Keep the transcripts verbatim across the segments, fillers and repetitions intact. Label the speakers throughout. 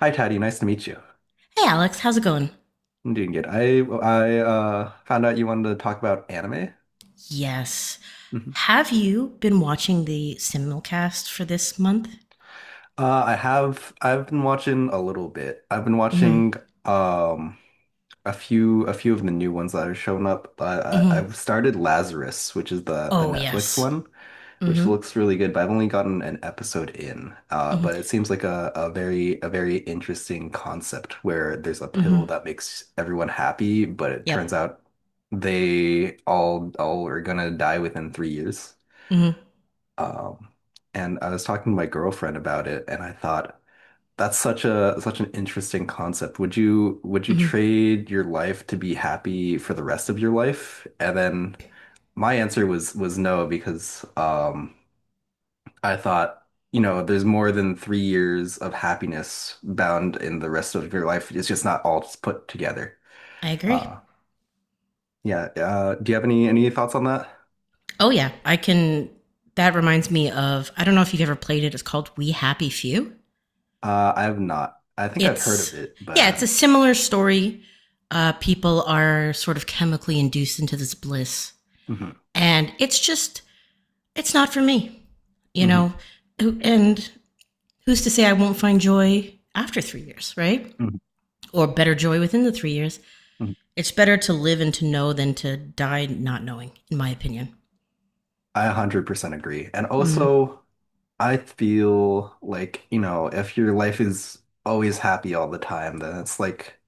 Speaker 1: Hi, Taddy. Nice to meet you.
Speaker 2: Hey, Alex, how's it going?
Speaker 1: I'm doing good. I I uh, Found out you wanted to talk about anime.
Speaker 2: Yes.
Speaker 1: Mhm.
Speaker 2: Have you been watching the simulcast for this month?
Speaker 1: Uh, I have, I've been watching a little bit. I've been
Speaker 2: Hmm.
Speaker 1: watching um a few a few of the new ones that have shown up. I I,
Speaker 2: Hmm.
Speaker 1: I started Lazarus, which is the the
Speaker 2: Oh,
Speaker 1: Netflix
Speaker 2: yes.
Speaker 1: one, which
Speaker 2: Mm.
Speaker 1: looks really good, but I've only gotten an episode in. Uh,
Speaker 2: Hmm.
Speaker 1: but it seems like a, a very a very interesting concept where there's a
Speaker 2: Hmm. Hmm.
Speaker 1: pill that makes everyone happy, but it
Speaker 2: Yep.
Speaker 1: turns out they all all are gonna die within three years.
Speaker 2: Hmm.
Speaker 1: Um, and I was talking to my girlfriend about it, and I thought that's such a such an interesting concept. Would you would you
Speaker 2: Hmm.
Speaker 1: trade your life to be happy for the rest of your life? And then my answer was was no because um I thought, you know, there's more than three years of happiness bound in the rest of your life. It's just not all just put together.
Speaker 2: I
Speaker 1: Uh,
Speaker 2: agree.
Speaker 1: yeah. Uh, do you have any any thoughts on that?
Speaker 2: Oh, yeah. I can. That reminds me of. I don't know if you've ever played it. It's called We Happy Few.
Speaker 1: Uh, I have not. I think I've heard of
Speaker 2: It's.
Speaker 1: it, but I
Speaker 2: Yeah, it's a
Speaker 1: haven't.
Speaker 2: similar story. Uh, people are sort of chemically induced into this bliss.
Speaker 1: Mhm,
Speaker 2: And it's just. It's not for me you
Speaker 1: mhm,
Speaker 2: know and who's to say I won't find joy after three years, right?
Speaker 1: mhm,
Speaker 2: Or better joy within the three years.
Speaker 1: mhm.
Speaker 2: It's better to live and to know than to die not knowing, in my opinion.
Speaker 1: I one hundred percent agree. And
Speaker 2: Mm.
Speaker 1: also, I feel like, you know, if your life is always happy all the time, then it's like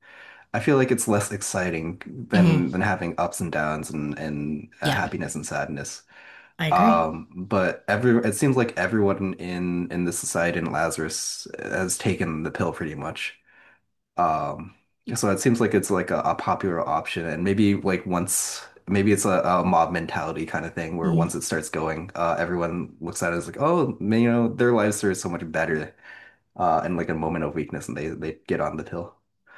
Speaker 1: I feel like it's less exciting
Speaker 2: Hmm.
Speaker 1: than than having ups and downs and and uh,
Speaker 2: Yep,
Speaker 1: happiness and sadness.
Speaker 2: I agree.
Speaker 1: Um, but every it seems like everyone in in the society in Lazarus has taken the pill pretty much. Um, so it seems like it's like a, a popular option, and maybe like once maybe it's a, a mob mentality kind of thing where
Speaker 2: Mm.
Speaker 1: once it starts going, uh, everyone looks at it as like, oh, man, you know, their lives are so much better, uh, in like a moment of weakness, and they they get on the pill.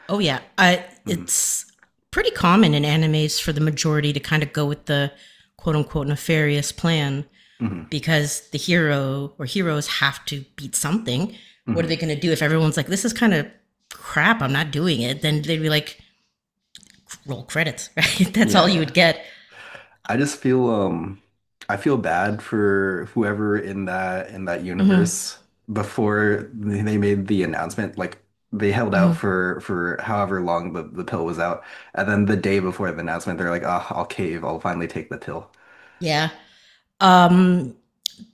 Speaker 2: Oh yeah, I,
Speaker 1: Hmm.
Speaker 2: it's pretty common in animes for the majority to kind of go with the quote unquote nefarious plan
Speaker 1: Hmm.
Speaker 2: because the hero or heroes have to beat something. What are
Speaker 1: Hmm.
Speaker 2: they going to do if everyone's like, "This is kind of crap. I'm not doing it." Then they'd be like, roll credits, right? That's all
Speaker 1: Yeah,
Speaker 2: you
Speaker 1: yeah.
Speaker 2: would get.
Speaker 1: I just feel um I feel bad for whoever in that in that
Speaker 2: Mm-hmm.
Speaker 1: universe before they they made the announcement. Like they held out
Speaker 2: Mm-hmm.
Speaker 1: for for however long the, the pill was out. And then the day before the announcement, they're like, "Ah, I'll cave, I'll finally take the pill."
Speaker 2: Yeah. Um,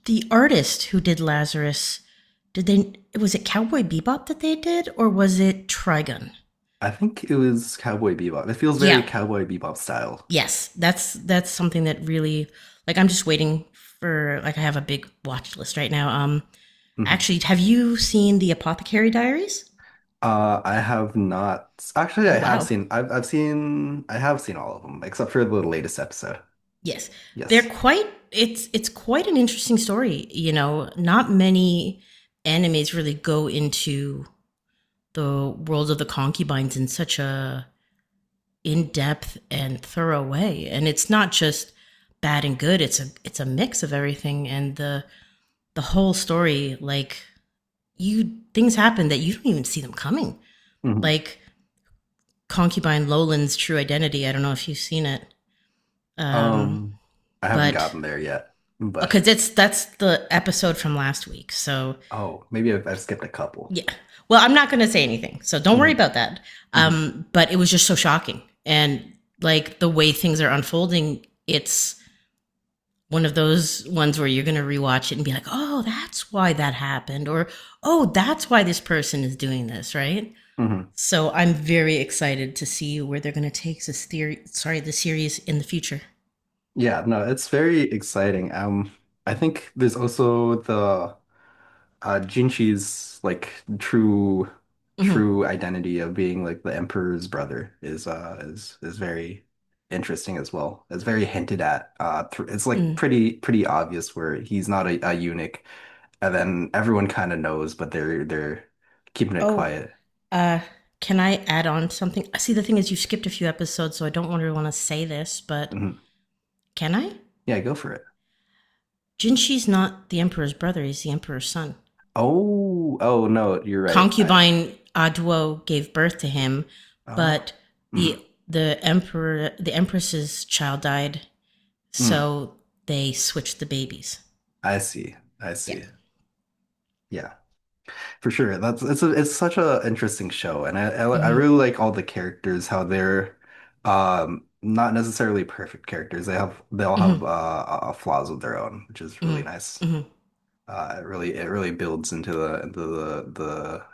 Speaker 2: the artist who did Lazarus, did they? Was it Cowboy Bebop that they did, or was it Trigun?
Speaker 1: I think it was Cowboy Bebop. It feels very
Speaker 2: Yeah.
Speaker 1: Cowboy Bebop style.
Speaker 2: Yes. That's that's something that really like I'm just waiting for. Like I have a big watch list right now. Um,
Speaker 1: Hmm.
Speaker 2: actually, have you seen the Apothecary Diaries?
Speaker 1: Uh, I have not actually.
Speaker 2: Oh
Speaker 1: I have
Speaker 2: wow.
Speaker 1: seen I've I've seen I have seen all of them except for the latest episode.
Speaker 2: Yes. They're
Speaker 1: Yes.
Speaker 2: quite it's it's quite an interesting story, you know. Not many animes really go into the world of the concubines in such a in-depth and thorough way. And it's not just bad and good, it's a it's a mix of everything and the the whole story like you things happen that you don't even see them coming.
Speaker 1: Mm-hmm.
Speaker 2: Like concubine Lolan's true identity. I don't know if you've seen it. Um
Speaker 1: Um, I haven't
Speaker 2: but
Speaker 1: gotten there yet, but
Speaker 2: because it's that's the episode from last week. So
Speaker 1: oh, maybe I've, I've skipped a couple.
Speaker 2: yeah, well, I'm not going to say anything, so don't worry
Speaker 1: Hmm.
Speaker 2: about that.
Speaker 1: Hmm.
Speaker 2: Um, but it was just so shocking, and like the way things are unfolding, it's one of those ones where you're going to rewatch it and be like, oh, that's why that happened, or oh, that's why this person is doing this, right?
Speaker 1: Hmm.
Speaker 2: So I'm very excited to see where they're going to take this theory. Sorry, the series in the future.
Speaker 1: Yeah, no, it's very exciting. Um, I think there's also the uh Jinchi's like true
Speaker 2: Mm-hmm.
Speaker 1: true identity of being like the emperor's brother is uh is is very interesting as well. It's very hinted at. Uh, thr It's like
Speaker 2: Mm.
Speaker 1: pretty pretty obvious where he's not a, a eunuch, and then everyone kind of knows, but they're they're keeping it
Speaker 2: Oh,
Speaker 1: quiet.
Speaker 2: uh, can I add on something? See, the thing is, you skipped a few episodes, so I don't really want to say this, but
Speaker 1: Mm-hmm.
Speaker 2: can I?
Speaker 1: Yeah, go for it.
Speaker 2: Jinshi's not the emperor's brother; he's the emperor's son.
Speaker 1: Oh, oh no, you're right. I,
Speaker 2: Concubine Aduo gave birth to him,
Speaker 1: oh,
Speaker 2: but
Speaker 1: mm,
Speaker 2: the the emperor the empress's child died,
Speaker 1: mm,
Speaker 2: so they switched the babies.
Speaker 1: I see. I
Speaker 2: Yeah.
Speaker 1: see. Yeah, for sure. That's it's a, it's such a interesting show, and I, I I
Speaker 2: Mm-hmm.
Speaker 1: really like all the characters, how they're um not necessarily perfect characters. They have they all
Speaker 2: Mm-hmm.
Speaker 1: have uh, uh flaws of their own, which is really
Speaker 2: Mm-hmm.
Speaker 1: nice.
Speaker 2: Mm-hmm.
Speaker 1: Uh, it really it really builds into the into the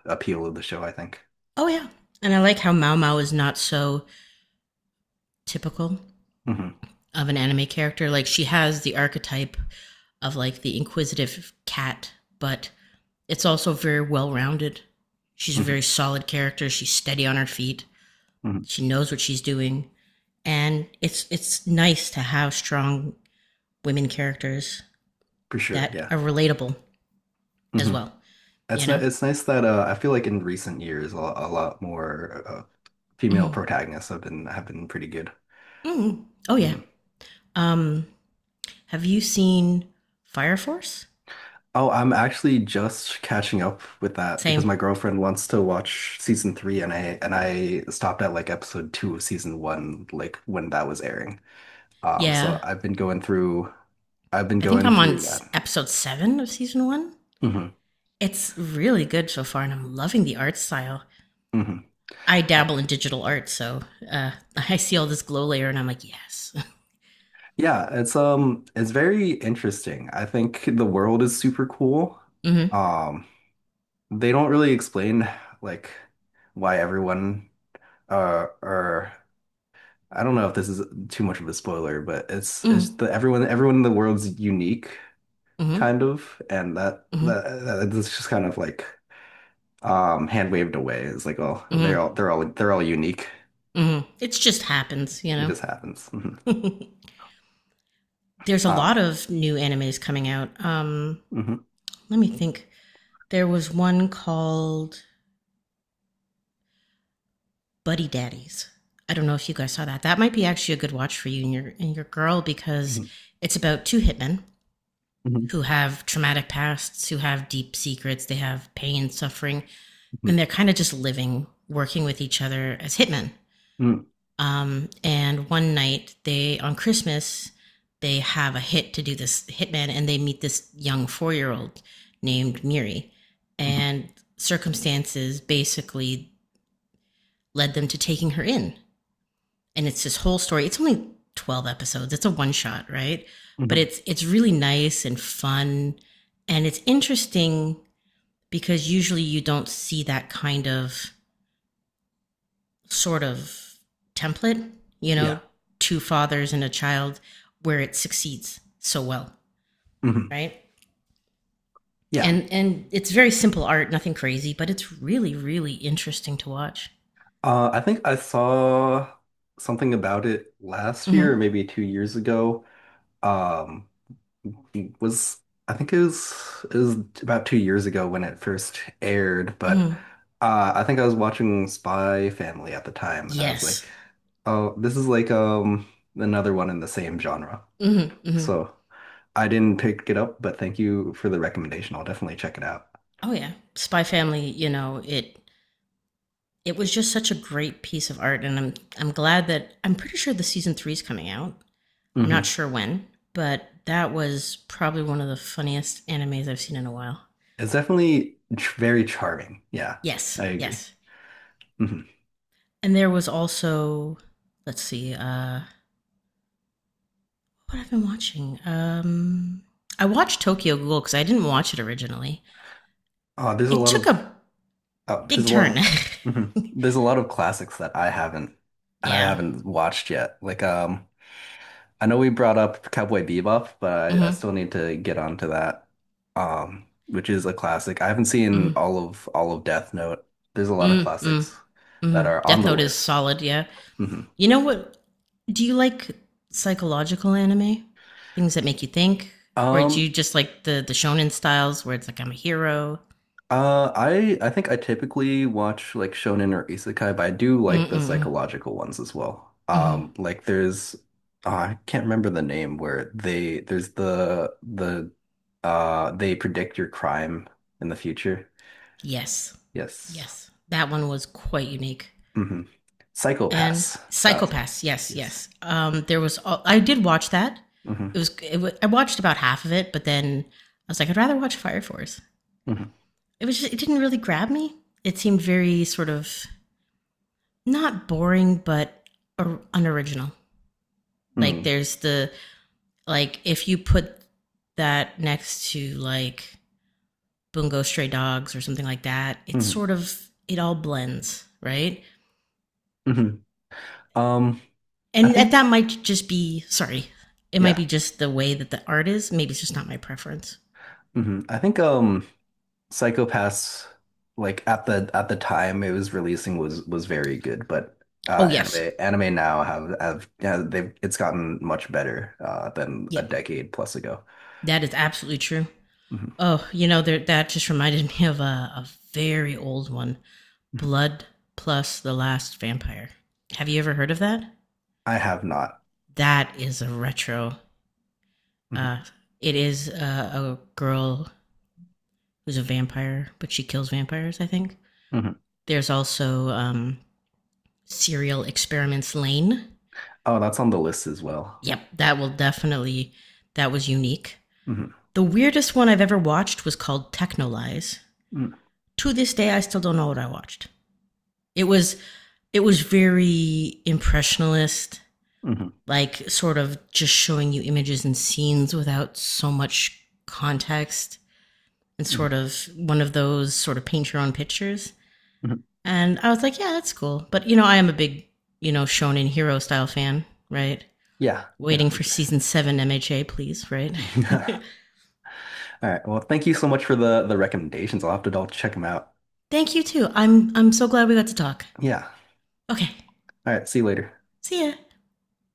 Speaker 1: the appeal of the show, I think.
Speaker 2: Oh yeah. And I like how Mao Mao is not so typical
Speaker 1: Hmm.
Speaker 2: of an anime character. Like she has the archetype of like the inquisitive cat, but it's also very well rounded. She's a very
Speaker 1: Hmm.
Speaker 2: solid character. She's steady on her feet.
Speaker 1: Hmm.
Speaker 2: She knows what she's doing, and it's it's nice to have strong women characters
Speaker 1: For sure.
Speaker 2: that
Speaker 1: Yeah.
Speaker 2: are relatable as
Speaker 1: Mhm.
Speaker 2: well. You
Speaker 1: It's ni-
Speaker 2: know.
Speaker 1: it's nice that uh, I feel like in recent years a, a lot more uh, female
Speaker 2: Mm-hmm.
Speaker 1: protagonists have been have been pretty good.
Speaker 2: Mm-hmm. Oh yeah.
Speaker 1: Mhm.
Speaker 2: Um, have you seen Fire Force?
Speaker 1: Oh, I'm actually just catching up with that because
Speaker 2: Same.
Speaker 1: my girlfriend wants to watch season three, and I and I stopped at like episode two of season one, like when that was airing. Um, so
Speaker 2: Yeah.
Speaker 1: I've been going through I've been
Speaker 2: I think
Speaker 1: going
Speaker 2: I'm on
Speaker 1: through that.
Speaker 2: episode seven of season one.
Speaker 1: Hmm.
Speaker 2: It's really good so far, and I'm loving the art style.
Speaker 1: Hmm.
Speaker 2: I
Speaker 1: Uh,
Speaker 2: dabble in digital art, so uh, I see all this glow layer, and I'm like, yes.
Speaker 1: yeah, it's um it's very interesting. I think the world is super cool.
Speaker 2: Mm-hmm.
Speaker 1: Um, they don't really explain like why everyone uh or I don't know if this is too much of a spoiler, but it's it's
Speaker 2: Mm-hmm.
Speaker 1: the everyone everyone in the world's unique
Speaker 2: Mm-hmm.
Speaker 1: kind of and that
Speaker 2: Mm-hmm.
Speaker 1: that, that it's just kind of like um hand waved away. It's like oh
Speaker 2: Mm-hmm.
Speaker 1: they're all they're all they're all unique.
Speaker 2: Mm-hmm. It just happens, you
Speaker 1: It
Speaker 2: know.
Speaker 1: just happens. Mhm.
Speaker 2: There's a lot
Speaker 1: Um,
Speaker 2: of new animes coming out. Um,
Speaker 1: mhm,
Speaker 2: let me think. There was one called Buddy Daddies. I don't know if you guys saw that. That might be actually a good watch for you and your and your girl because
Speaker 1: mhm,
Speaker 2: it's about two hitmen
Speaker 1: mhm,
Speaker 2: who have traumatic pasts, who have deep secrets, they have pain, suffering,
Speaker 1: mhm,
Speaker 2: and they're kind of just living, working with each other as hitmen.
Speaker 1: mhm,
Speaker 2: Um, and one night, they on Christmas, they have a hit to do this hitman, and they meet this young four year old named Miri,
Speaker 1: mhm,
Speaker 2: and circumstances basically led them to taking her in. And it's this whole story. It's only twelve episodes. It's a one shot, right? But
Speaker 1: mhm.
Speaker 2: it's it's really nice and fun, and it's interesting because usually you don't see that kind of sort of template, you
Speaker 1: Yeah.
Speaker 2: know, two fathers and a child where it succeeds so well,
Speaker 1: Mhm.
Speaker 2: right?
Speaker 1: Yeah.
Speaker 2: And and it's very simple art, nothing crazy, but it's really really interesting to watch.
Speaker 1: Uh I think I saw something about it last year or
Speaker 2: Mhm.
Speaker 1: maybe two years ago. Um, it was I think it was it was about two years ago when it first aired, but
Speaker 2: Mhm.
Speaker 1: uh, I think I was watching Spy Family at the time, and I was like,
Speaker 2: Yes.
Speaker 1: oh, this is like um another one in the same genre.
Speaker 2: Mhm. Mhm.
Speaker 1: So I didn't pick it up, but thank you for the recommendation. I'll definitely check it out.
Speaker 2: Oh yeah. Spy Family, you know, it it was just such a great piece of art and I'm I'm glad that I'm pretty sure the season three is coming out. I'm not
Speaker 1: Hmm.
Speaker 2: sure when, but that was probably one of the funniest animes I've seen in a while.
Speaker 1: It's definitely ch- very charming. Yeah,
Speaker 2: Yes,
Speaker 1: I agree.
Speaker 2: yes.
Speaker 1: Hmm.
Speaker 2: And there was also, let's see, uh, what I've been watching. Um, I watched Tokyo Ghoul because I didn't watch it originally.
Speaker 1: Uh, there's a
Speaker 2: It
Speaker 1: lot
Speaker 2: took
Speaker 1: of...
Speaker 2: a
Speaker 1: Oh, there's
Speaker 2: big
Speaker 1: a
Speaker 2: turn.
Speaker 1: lot. Mhm. There's a lot of classics that I haven't I
Speaker 2: Yeah.
Speaker 1: haven't watched yet. Like um I know we brought up Cowboy Bebop, but I, I
Speaker 2: Mm-hmm.
Speaker 1: still need to get onto that. Um, which is a classic. I haven't seen
Speaker 2: Mm-hmm.
Speaker 1: all of all of Death Note. There's a lot of
Speaker 2: Mm-hmm.
Speaker 1: classics that
Speaker 2: Mm-hmm.
Speaker 1: are on
Speaker 2: Death
Speaker 1: the
Speaker 2: Note is
Speaker 1: list.
Speaker 2: solid. Yeah.
Speaker 1: Mhm.
Speaker 2: You know what? Do you like psychological anime? Things that make you think? Or do you
Speaker 1: Um,
Speaker 2: just like the, the shonen styles where it's like, I'm a hero?
Speaker 1: Uh, I I think I typically watch like shonen or isekai, but I do like the
Speaker 2: Mm-mm.
Speaker 1: psychological ones as well.
Speaker 2: Mm-hmm.
Speaker 1: Um, like there's uh, I can't remember the name where they there's the the uh they predict your crime in the future.
Speaker 2: Yes.
Speaker 1: Yes.
Speaker 2: Yes. That one was quite unique.
Speaker 1: Hmm.
Speaker 2: And
Speaker 1: Psychopaths. That.
Speaker 2: Psychopaths. Yes.
Speaker 1: Yes.
Speaker 2: Yes. Um, there was, all, I did watch that.
Speaker 1: Hmm.
Speaker 2: It was, it wa I watched about half of it, but then I was like, I'd rather watch Fire Force.
Speaker 1: Hmm.
Speaker 2: It was just, it didn't really grab me. It seemed very sort of not boring, but or- unoriginal. Like
Speaker 1: Hmm.
Speaker 2: there's the Like if you put that next to like Bungo Stray Dogs or something like that, it's
Speaker 1: Hmm.
Speaker 2: sort of it all blends, right?
Speaker 1: Hmm. Um, I
Speaker 2: And that, that
Speaker 1: think
Speaker 2: might just be sorry, it might
Speaker 1: Yeah.
Speaker 2: be just the way that the art is. Maybe it's just not my preference.
Speaker 1: Hmm. I think um. Psychopaths, like at the at the time it was releasing was was very good, but uh
Speaker 2: Oh yes,
Speaker 1: anime anime now have have yeah, they've it's gotten much better uh than a
Speaker 2: yep,
Speaker 1: decade plus ago.
Speaker 2: that is absolutely true.
Speaker 1: Mhm.
Speaker 2: Oh, you know there, that just reminded me of a, a very old one,
Speaker 1: Mhm.
Speaker 2: Blood Plus the Last Vampire. Have you ever heard of that?
Speaker 1: I have not.
Speaker 2: That is a retro.
Speaker 1: Mhm.
Speaker 2: Uh, it is uh, a girl who's a vampire, but she kills vampires, I think.
Speaker 1: Mhm.
Speaker 2: There's also um, Serial Experiments Lane.
Speaker 1: Oh, that's on the list as well.
Speaker 2: Yep, that will definitely, that was unique.
Speaker 1: Mhm.
Speaker 2: The weirdest one I've ever watched was called Technolize.
Speaker 1: Mhm.
Speaker 2: To this day, I still don't know what I watched. It was it was very impressionist,
Speaker 1: Mhm.
Speaker 2: like sort of just showing you images and scenes without so much context, and
Speaker 1: Mhm.
Speaker 2: sort of one of those sort of paint your own pictures.
Speaker 1: Mhm.
Speaker 2: And I was like, yeah, that's cool. But, you know, I am a big, you know, shonen hero style fan, right?
Speaker 1: Yeah, yeah,
Speaker 2: Waiting
Speaker 1: for
Speaker 2: for
Speaker 1: sure.
Speaker 2: season seven M H A, please, right?
Speaker 1: All right. Well, thank you so much for the the recommendations. I'll have to double check them out.
Speaker 2: Thank you too. I'm I'm so glad we got to talk.
Speaker 1: Yeah.
Speaker 2: Okay.
Speaker 1: All right, see you later.
Speaker 2: See ya.